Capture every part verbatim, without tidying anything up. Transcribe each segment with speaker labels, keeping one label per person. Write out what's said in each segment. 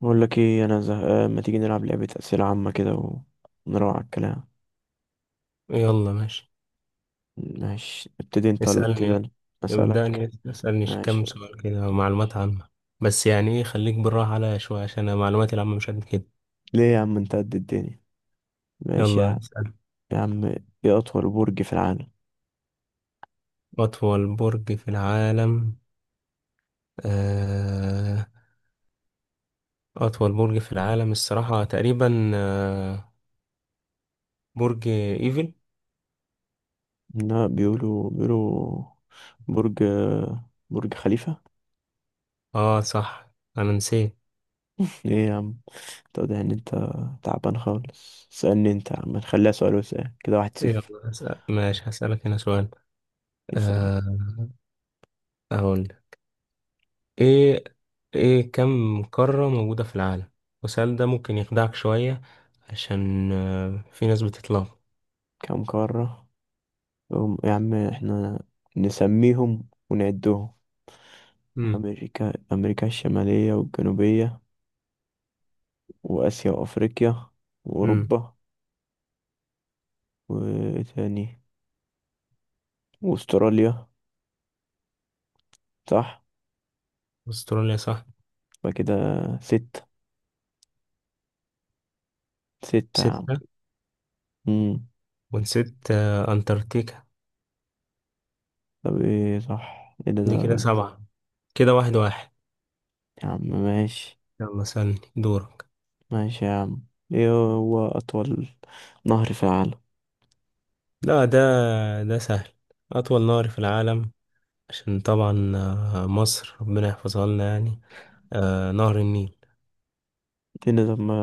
Speaker 1: بقول لك ايه، انا زهقان، ما تيجي نلعب لعبة أسئلة عامة كده ونروح على الكلام؟
Speaker 2: يلا ماشي.
Speaker 1: ماشي، ابتدي انت ولا ابتدي
Speaker 2: اسألني.
Speaker 1: انا؟ أسألك.
Speaker 2: ابدأني اسألني كم
Speaker 1: ماشي.
Speaker 2: سؤال كده، معلومات عامة. بس يعني ايه، خليك بالراحة عليا شوية، عشان أنا معلوماتي العامة مش قد كده.
Speaker 1: ليه يا عم، انت قد الدنيا. ماشي يا
Speaker 2: يلا
Speaker 1: عم.
Speaker 2: اسأل.
Speaker 1: يا عم، ايه أطول برج في العالم؟
Speaker 2: أطول برج في العالم؟ آه أطول برج في العالم الصراحة تقريبا آه برج إيفل.
Speaker 1: لا، بيقولوا بيقولوا، برج، برج خليفة.
Speaker 2: اه صح، أنا نسيت.
Speaker 1: ايه يا عم، تقضي ان انت تعبان خالص؟ سألني انت يا عم، نخليها سؤال وسؤال، كده واحد صفر.
Speaker 2: يلا اسأل. ماشي، هسألك هنا سؤال.
Speaker 1: يسأل.
Speaker 2: آه أقول ايه، ايه كم قارة موجودة في العالم؟ والسؤال ده ممكن يخدعك شوية، عشان آه، في ناس بتتلخبط.
Speaker 1: كم قارة؟ هم- يا عم، احنا نسميهم ونعدهم.
Speaker 2: امم
Speaker 1: أمريكا، أمريكا الشمالية والجنوبية، وآسيا وأفريقيا
Speaker 2: امم
Speaker 1: وأوروبا. وإيه تاني؟ وأستراليا، صح.
Speaker 2: استراليا صح.
Speaker 1: يبقى كده ستة. ستة يا عم.
Speaker 2: ستة.
Speaker 1: مم.
Speaker 2: ونسيت آه، انتاركتيكا.
Speaker 1: طب إيه صح، إيه ده,
Speaker 2: دي كده
Speaker 1: ده
Speaker 2: سبعة، كده واحد واحد.
Speaker 1: يا عم ماشي.
Speaker 2: يلا سألني، دورك.
Speaker 1: ماشي يا عم. إيه هو أطول نهر في العالم؟
Speaker 2: لا، ده ده سهل. أطول نهر في العالم. عشان طبعا آه، مصر ربنا يحفظها لنا يعني. آه، نهر النيل.
Speaker 1: إيه ده، طب ما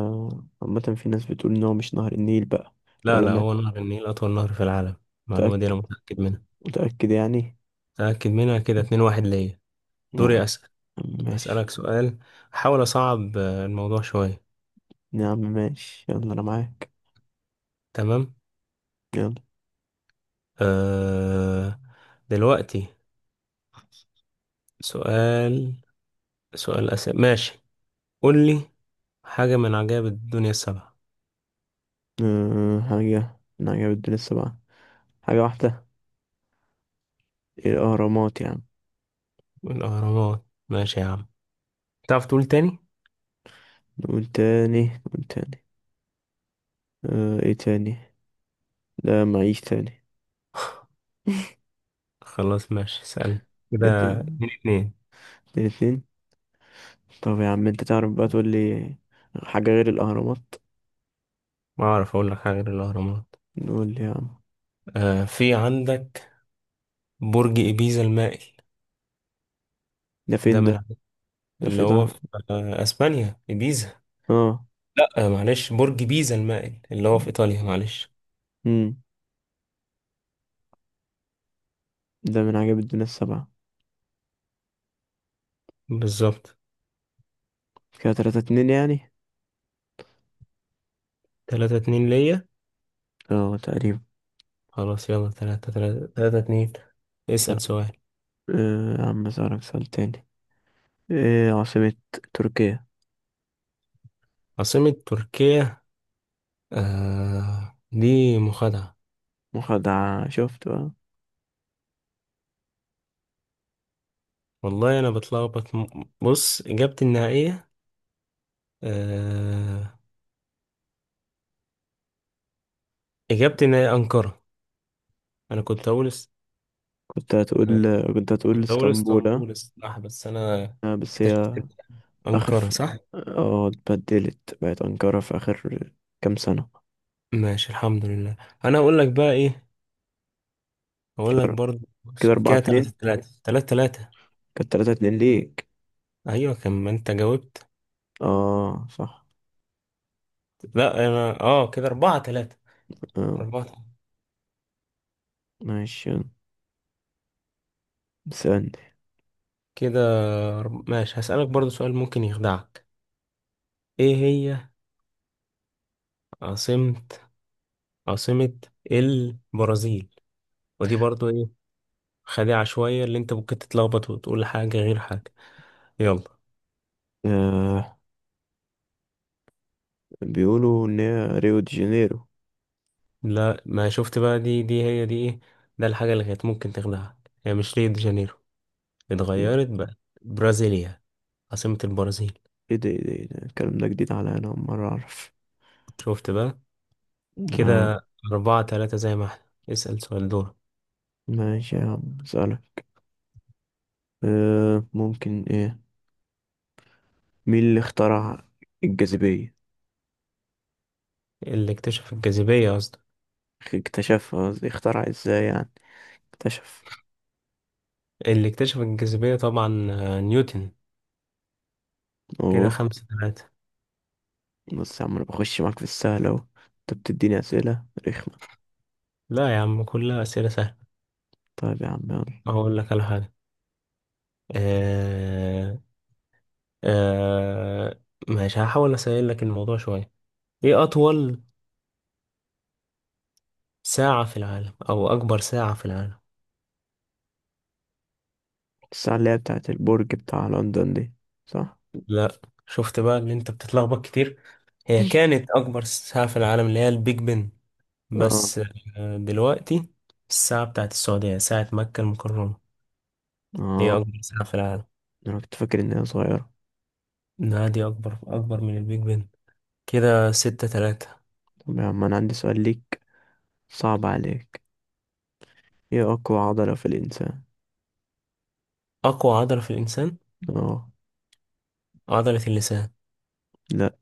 Speaker 1: عامة في ناس بتقول إن هو مش نهر النيل بقى.
Speaker 2: لا لا،
Speaker 1: العلماء.
Speaker 2: هو نهر النيل أطول نهر في العالم. المعلومة دي
Speaker 1: متأكد؟
Speaker 2: أنا متأكد منها.
Speaker 1: متأكد يعني.
Speaker 2: متأكد منها. كده اتنين واحد ليا.
Speaker 1: يا عم
Speaker 2: دوري أسأل.
Speaker 1: ماشي.
Speaker 2: هسألك سؤال، أحاول أصعب آه، الموضوع شوية.
Speaker 1: يا عم ماشي، يلا أنا معاك.
Speaker 2: تمام.
Speaker 1: يلا.
Speaker 2: أه دلوقتي سؤال سؤال أسئلة، ماشي. قول لي حاجة من عجائب الدنيا السبعة.
Speaker 1: أه حاجة من عجائب لسه بقى. حاجة واحدة، الأهرامات يعني.
Speaker 2: الأهرامات، ماشي يا عم. تعرف تقول تاني؟
Speaker 1: نقول تاني، نقول تاني. أه ايه تاني؟ لا معيش تاني.
Speaker 2: خلاص ماشي، اسألني.
Speaker 1: انت.
Speaker 2: كده اتنين اتنين.
Speaker 1: الاتنين. طب يا عم، انت تعرف بقى تقول لي حاجة غير الأهرامات؟
Speaker 2: ما أعرف أقول لك حاجة غير الأهرامات.
Speaker 1: نقول لي يا عم.
Speaker 2: أه في عندك برج إبيزا المائل.
Speaker 1: ده
Speaker 2: ده
Speaker 1: فين ده؟
Speaker 2: من عند-
Speaker 1: ده
Speaker 2: اللي
Speaker 1: في
Speaker 2: هو
Speaker 1: ده.
Speaker 2: في آه، أسبانيا إبيزا.
Speaker 1: اه.
Speaker 2: لأ آه، معلش، برج بيزا المائل اللي هو في إيطاليا، معلش.
Speaker 1: امم ده من عجائب الدنيا السبعة.
Speaker 2: بالظبط.
Speaker 1: كده تلاتة اتنين يعني.
Speaker 2: تلاتة اتنين ليا.
Speaker 1: اه تقريبا.
Speaker 2: خلاص يلا، تلاتة تلاتة تلاتة اتنين.
Speaker 1: أه
Speaker 2: اسأل سؤال.
Speaker 1: يا عم، اسألك سؤال تاني. ايه عاصمة تركيا؟
Speaker 2: عاصمة تركيا؟ آه دي مخادعة.
Speaker 1: مخدعة، شفت بقى.
Speaker 2: والله أنا بتلخبط، م- بص، إجابتي النهائية. آه إجابتي النهائية أنقرة. أنا كنت أقول است...
Speaker 1: كنت
Speaker 2: آه
Speaker 1: هتقول، كنت هتقول
Speaker 2: كنت أقول
Speaker 1: اسطنبول، اه.
Speaker 2: اسطنبول الصراحة، بس أنا
Speaker 1: آه، بس
Speaker 2: اكتشفت
Speaker 1: هي
Speaker 2: إن
Speaker 1: اخر
Speaker 2: أنقرة
Speaker 1: ف...
Speaker 2: صح؟
Speaker 1: اه اتبدلت بقت انقرة في اخر كام سنة.
Speaker 2: ماشي الحمد لله. أنا أقول لك بقى إيه، أقول لك
Speaker 1: كده
Speaker 2: برضه.
Speaker 1: كده
Speaker 2: بص،
Speaker 1: اربعة
Speaker 2: كده تلاتة
Speaker 1: اتنين
Speaker 2: تلاتة تلاتة تلاتة.
Speaker 1: كانت تلاتة اتنين ليك.
Speaker 2: أيوة كان، ما أنت جاوبت.
Speaker 1: اه صح.
Speaker 2: لا انا، اه كده اربعة تلاتة.
Speaker 1: اه،
Speaker 2: اربعة تلاتة.
Speaker 1: ماشي يلا. استنى.
Speaker 2: كده أرب... ماشي، هسألك برضو سؤال ممكن يخدعك. ايه هي عاصمة عاصمة البرازيل؟ ودي برضو ايه، خادعة شوية، اللي انت ممكن تتلخبط وتقول حاجة غير حاجة. يلا.
Speaker 1: آه بيقولوا ان هي ريو دي جانيرو.
Speaker 2: لا، ما شفت بقى؟ دي دي هي دي ايه. ده الحاجة اللي كانت ممكن تخدعك، هي مش ريو دي جانيرو،
Speaker 1: ايه ده،
Speaker 2: اتغيرت بقى. برازيليا عاصمة البرازيل.
Speaker 1: ايه ده، إيه ده، إيه ده؟ الكلام ده جديد عليا، انا اول مرة اعرف.
Speaker 2: شفت بقى؟
Speaker 1: آه.
Speaker 2: كده أربعة تلاتة، زي ما احنا. اسأل سؤال، دور.
Speaker 1: ماشي يا عم، اسألك. آه ممكن ايه، مين اللي اخترع الجاذبية؟
Speaker 2: اللي اكتشف الجاذبية، قصدي.
Speaker 1: اكتشفها قصدي، اخترع ازاي يعني، اكتشف.
Speaker 2: اللي اكتشف الجاذبية طبعا آه، نيوتن. كده
Speaker 1: اوه.
Speaker 2: خمسة ثلاثة.
Speaker 1: بص يا عم، انا بخش معاك في السهل اهو، انت بتديني اسئله رخمه.
Speaker 2: لا يا عم، كلها أسئلة سهلة.
Speaker 1: طيب يا عم يلا.
Speaker 2: هقول لك على حاجة. آه آه ماشي، هحاول أسهل لك الموضوع شوية. إيه أطول ساعة في العالم، أو أكبر ساعة في العالم؟
Speaker 1: الساعه اللي هي بتاعه البرج بتاع لندن دي، صح؟
Speaker 2: لا، شفت بقى إن أنت بتتلخبط كتير. هي كانت أكبر ساعة في العالم اللي هي البيج بن
Speaker 1: اه،
Speaker 2: بس. آه دلوقتي الساعة بتاعت السعودية، ساعة مكة المكرمة، هي
Speaker 1: اه.
Speaker 2: أكبر ساعة في العالم.
Speaker 1: انا كنت فاكر ان هي صغيره.
Speaker 2: لا، دي أكبر، أكبر من البيج بن. كده ستة تلاتة.
Speaker 1: طب يا عم، انا عندي سؤال ليك صعب عليك. ايه اقوى عضله في الانسان؟
Speaker 2: أقوى عضلة في الإنسان؟
Speaker 1: اه.
Speaker 2: عضلة اللسان.
Speaker 1: لا،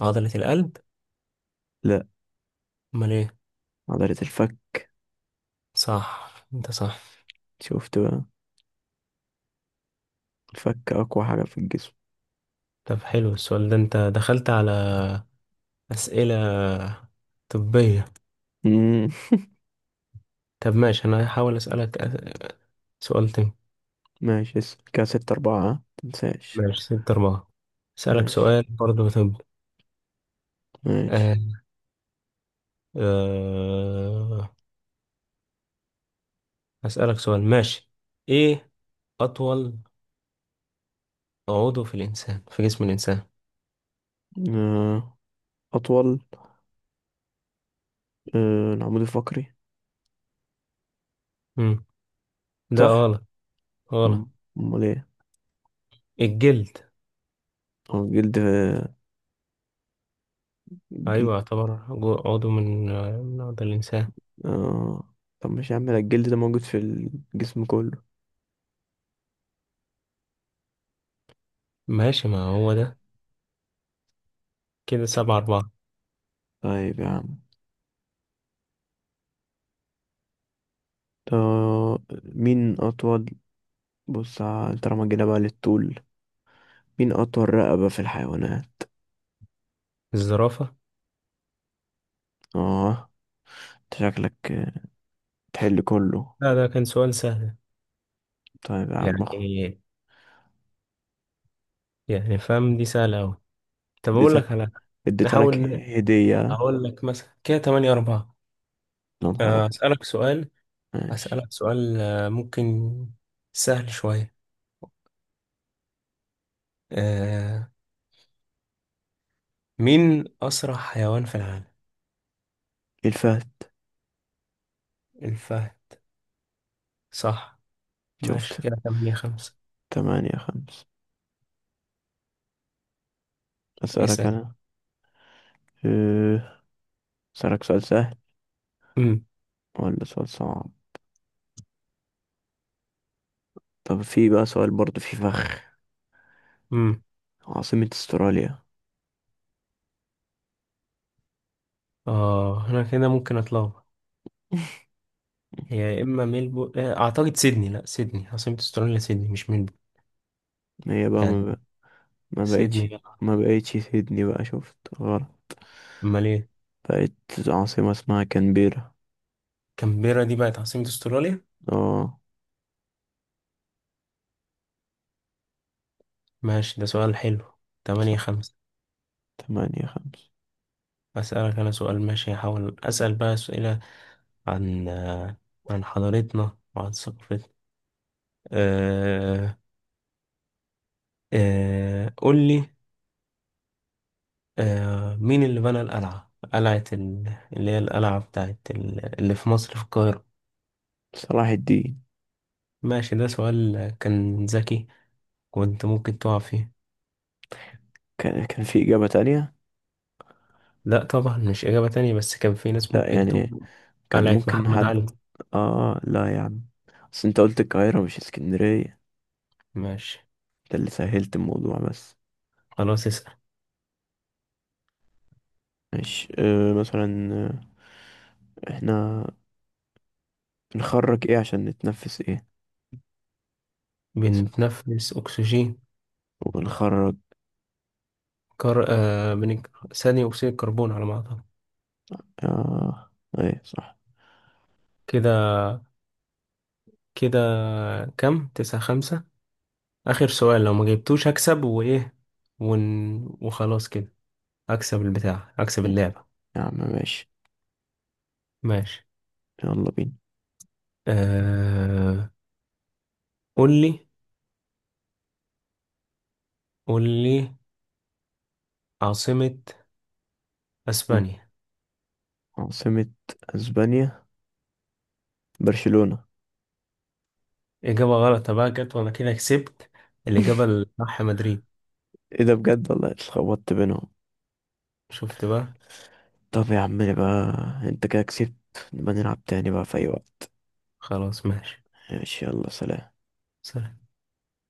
Speaker 2: عضلة القلب.
Speaker 1: لا.
Speaker 2: أمال إيه؟
Speaker 1: عضله الفك.
Speaker 2: صح، أنت صح.
Speaker 1: شفت بقى، الفك اقوى حاجه في الجسم.
Speaker 2: طب حلو السؤال ده، أنت دخلت على أسئلة طبية.
Speaker 1: امم
Speaker 2: طب ماشي، أنا هحاول أسألك أس- سؤال تاني.
Speaker 1: ماشي اسأل. كده ستة أربعة، ها؟ متنساش.
Speaker 2: ماشي ستة أربعة. أسألك
Speaker 1: ماشي،
Speaker 2: سؤال برضه، طب.
Speaker 1: ماشي.
Speaker 2: آه. آه. أسألك سؤال ماشي. إيه أطول عضو في الإنسان في جسم الإنسان؟
Speaker 1: آه. أطول. آه، العمود الفقري.
Speaker 2: مم. ده
Speaker 1: صح.
Speaker 2: غلط. غلط.
Speaker 1: مم. امال ايه؟
Speaker 2: الجلد.
Speaker 1: هو الجلد. جلد.
Speaker 2: أيوة، يعتبر جو- عضو من من أعضاء الإنسان.
Speaker 1: اه. طب مش يا عم، لا، الجلد ده موجود في الجسم كله.
Speaker 2: ماشي ما هو ده. كده سبعة أربعة.
Speaker 1: طيب يا عم، طب مين اطول، بص ع- طالما جينا بقى للطول، مين اطول رقبة في الحيوانات؟
Speaker 2: الزرافة.
Speaker 1: اه. انت شكلك تحل كله.
Speaker 2: لا ده كان سؤال سهل
Speaker 1: طيب يا عم،
Speaker 2: يعني.
Speaker 1: اخ.
Speaker 2: يعني فاهم، دي سهلة أوي. طب أقول
Speaker 1: اديتها،
Speaker 2: لك على حاجة.
Speaker 1: اديتها
Speaker 2: نحاول
Speaker 1: لك
Speaker 2: ن-
Speaker 1: هدية، يا
Speaker 2: أقول لك مثلا كده تمانية أربعة.
Speaker 1: نهار
Speaker 2: آه،
Speaker 1: أبيض!
Speaker 2: أسألك سؤال.
Speaker 1: ماشي.
Speaker 2: أسألك سؤال آه، ممكن سهل شوية. آه، مين أسرع حيوان في العالم؟
Speaker 1: الفهد.
Speaker 2: الفهد. صح. ماشي
Speaker 1: شفت.
Speaker 2: كده تمانية خمسة.
Speaker 1: تمانية خمس. اسألك
Speaker 2: اسأل.
Speaker 1: انا. أه، اسألك سؤال سهل
Speaker 2: أمم
Speaker 1: ولا سؤال صعب؟ طب في بقى سؤال برضه في فخ.
Speaker 2: أمم
Speaker 1: عاصمة استراليا؟
Speaker 2: آه هنا كده ممكن أتلخبط. هي يا اما ميلبو، آه، اعتقد سيدني. لا، سيدني عاصمة استراليا، سيدني مش ميلبو.
Speaker 1: هي بقى ما,
Speaker 2: يعني
Speaker 1: بقى ما بقتش
Speaker 2: سيدني.
Speaker 1: ما بقتش سيدني بقى، شفت غلط.
Speaker 2: امال ايه؟
Speaker 1: بقت عاصمة اسمها كانبيرا.
Speaker 2: كامبيرا دي بقت عاصمة استراليا.
Speaker 1: اه.
Speaker 2: ماشي ده سؤال حلو. تمانية خمسة.
Speaker 1: تمانية خمسة.
Speaker 2: اسألك انا سؤال. ماشي، هحاول اسأل بقى اسئلة عن آه، عن حضارتنا وعن ثقافتنا. أه أه قول لي. أه مين اللي بنى القلعة، قلعة ال- اللي هي القلعة بتاعت ال- اللي في مصر في القاهرة؟
Speaker 1: صلاح الدين.
Speaker 2: ماشي ده سؤال كان ذكي، كنت ممكن تقع فيه.
Speaker 1: كان كان في إجابة تانية.
Speaker 2: لا طبعا مش إجابة تانية، بس كان في ناس
Speaker 1: لا
Speaker 2: ممكن
Speaker 1: يعني،
Speaker 2: تقول
Speaker 1: كان
Speaker 2: قلعة
Speaker 1: ممكن
Speaker 2: محمد
Speaker 1: حد.
Speaker 2: علي.
Speaker 1: اه، لا يا عم. بس انت قلت القاهرة مش اسكندرية.
Speaker 2: ماشي.
Speaker 1: ده اللي سهلت الموضوع بس.
Speaker 2: خلاص اسأل.
Speaker 1: ماشي، آه مثلا، آه، احنا بنخرج ايه عشان نتنفس ايه؟
Speaker 2: بنتنفس أكسجين.
Speaker 1: وبنخرج.
Speaker 2: كر... آه بنك... ثاني أكسيد الكربون على ما أعتقد.
Speaker 1: آه ايه صح.
Speaker 2: كده كده كم تسعة خمسة. آخر سؤال، لو ما جبتوش هكسب. وإيه ون... وخلاص كده، أكسب البتاع أكسب
Speaker 1: إيه،
Speaker 2: اللعبة.
Speaker 1: يا عم ماشي.
Speaker 2: ماشي.
Speaker 1: يلا بينا.
Speaker 2: آه... قول لي، قول لي عاصمة
Speaker 1: مم.
Speaker 2: أسبانيا.
Speaker 1: عاصمة اسبانيا؟ برشلونة.
Speaker 2: إجابة غلط بقى جت، وأنا كده كسبت. الإجابة الصح مدريد.
Speaker 1: ايه ده، بجد والله اتلخبطت بينهم.
Speaker 2: شفت بقى؟
Speaker 1: طب يا عم بقى، انت كده كسبت. نبقى نلعب تاني بقى في اي وقت.
Speaker 2: خلاص ماشي.
Speaker 1: ماشي يلا، سلام.
Speaker 2: سلام.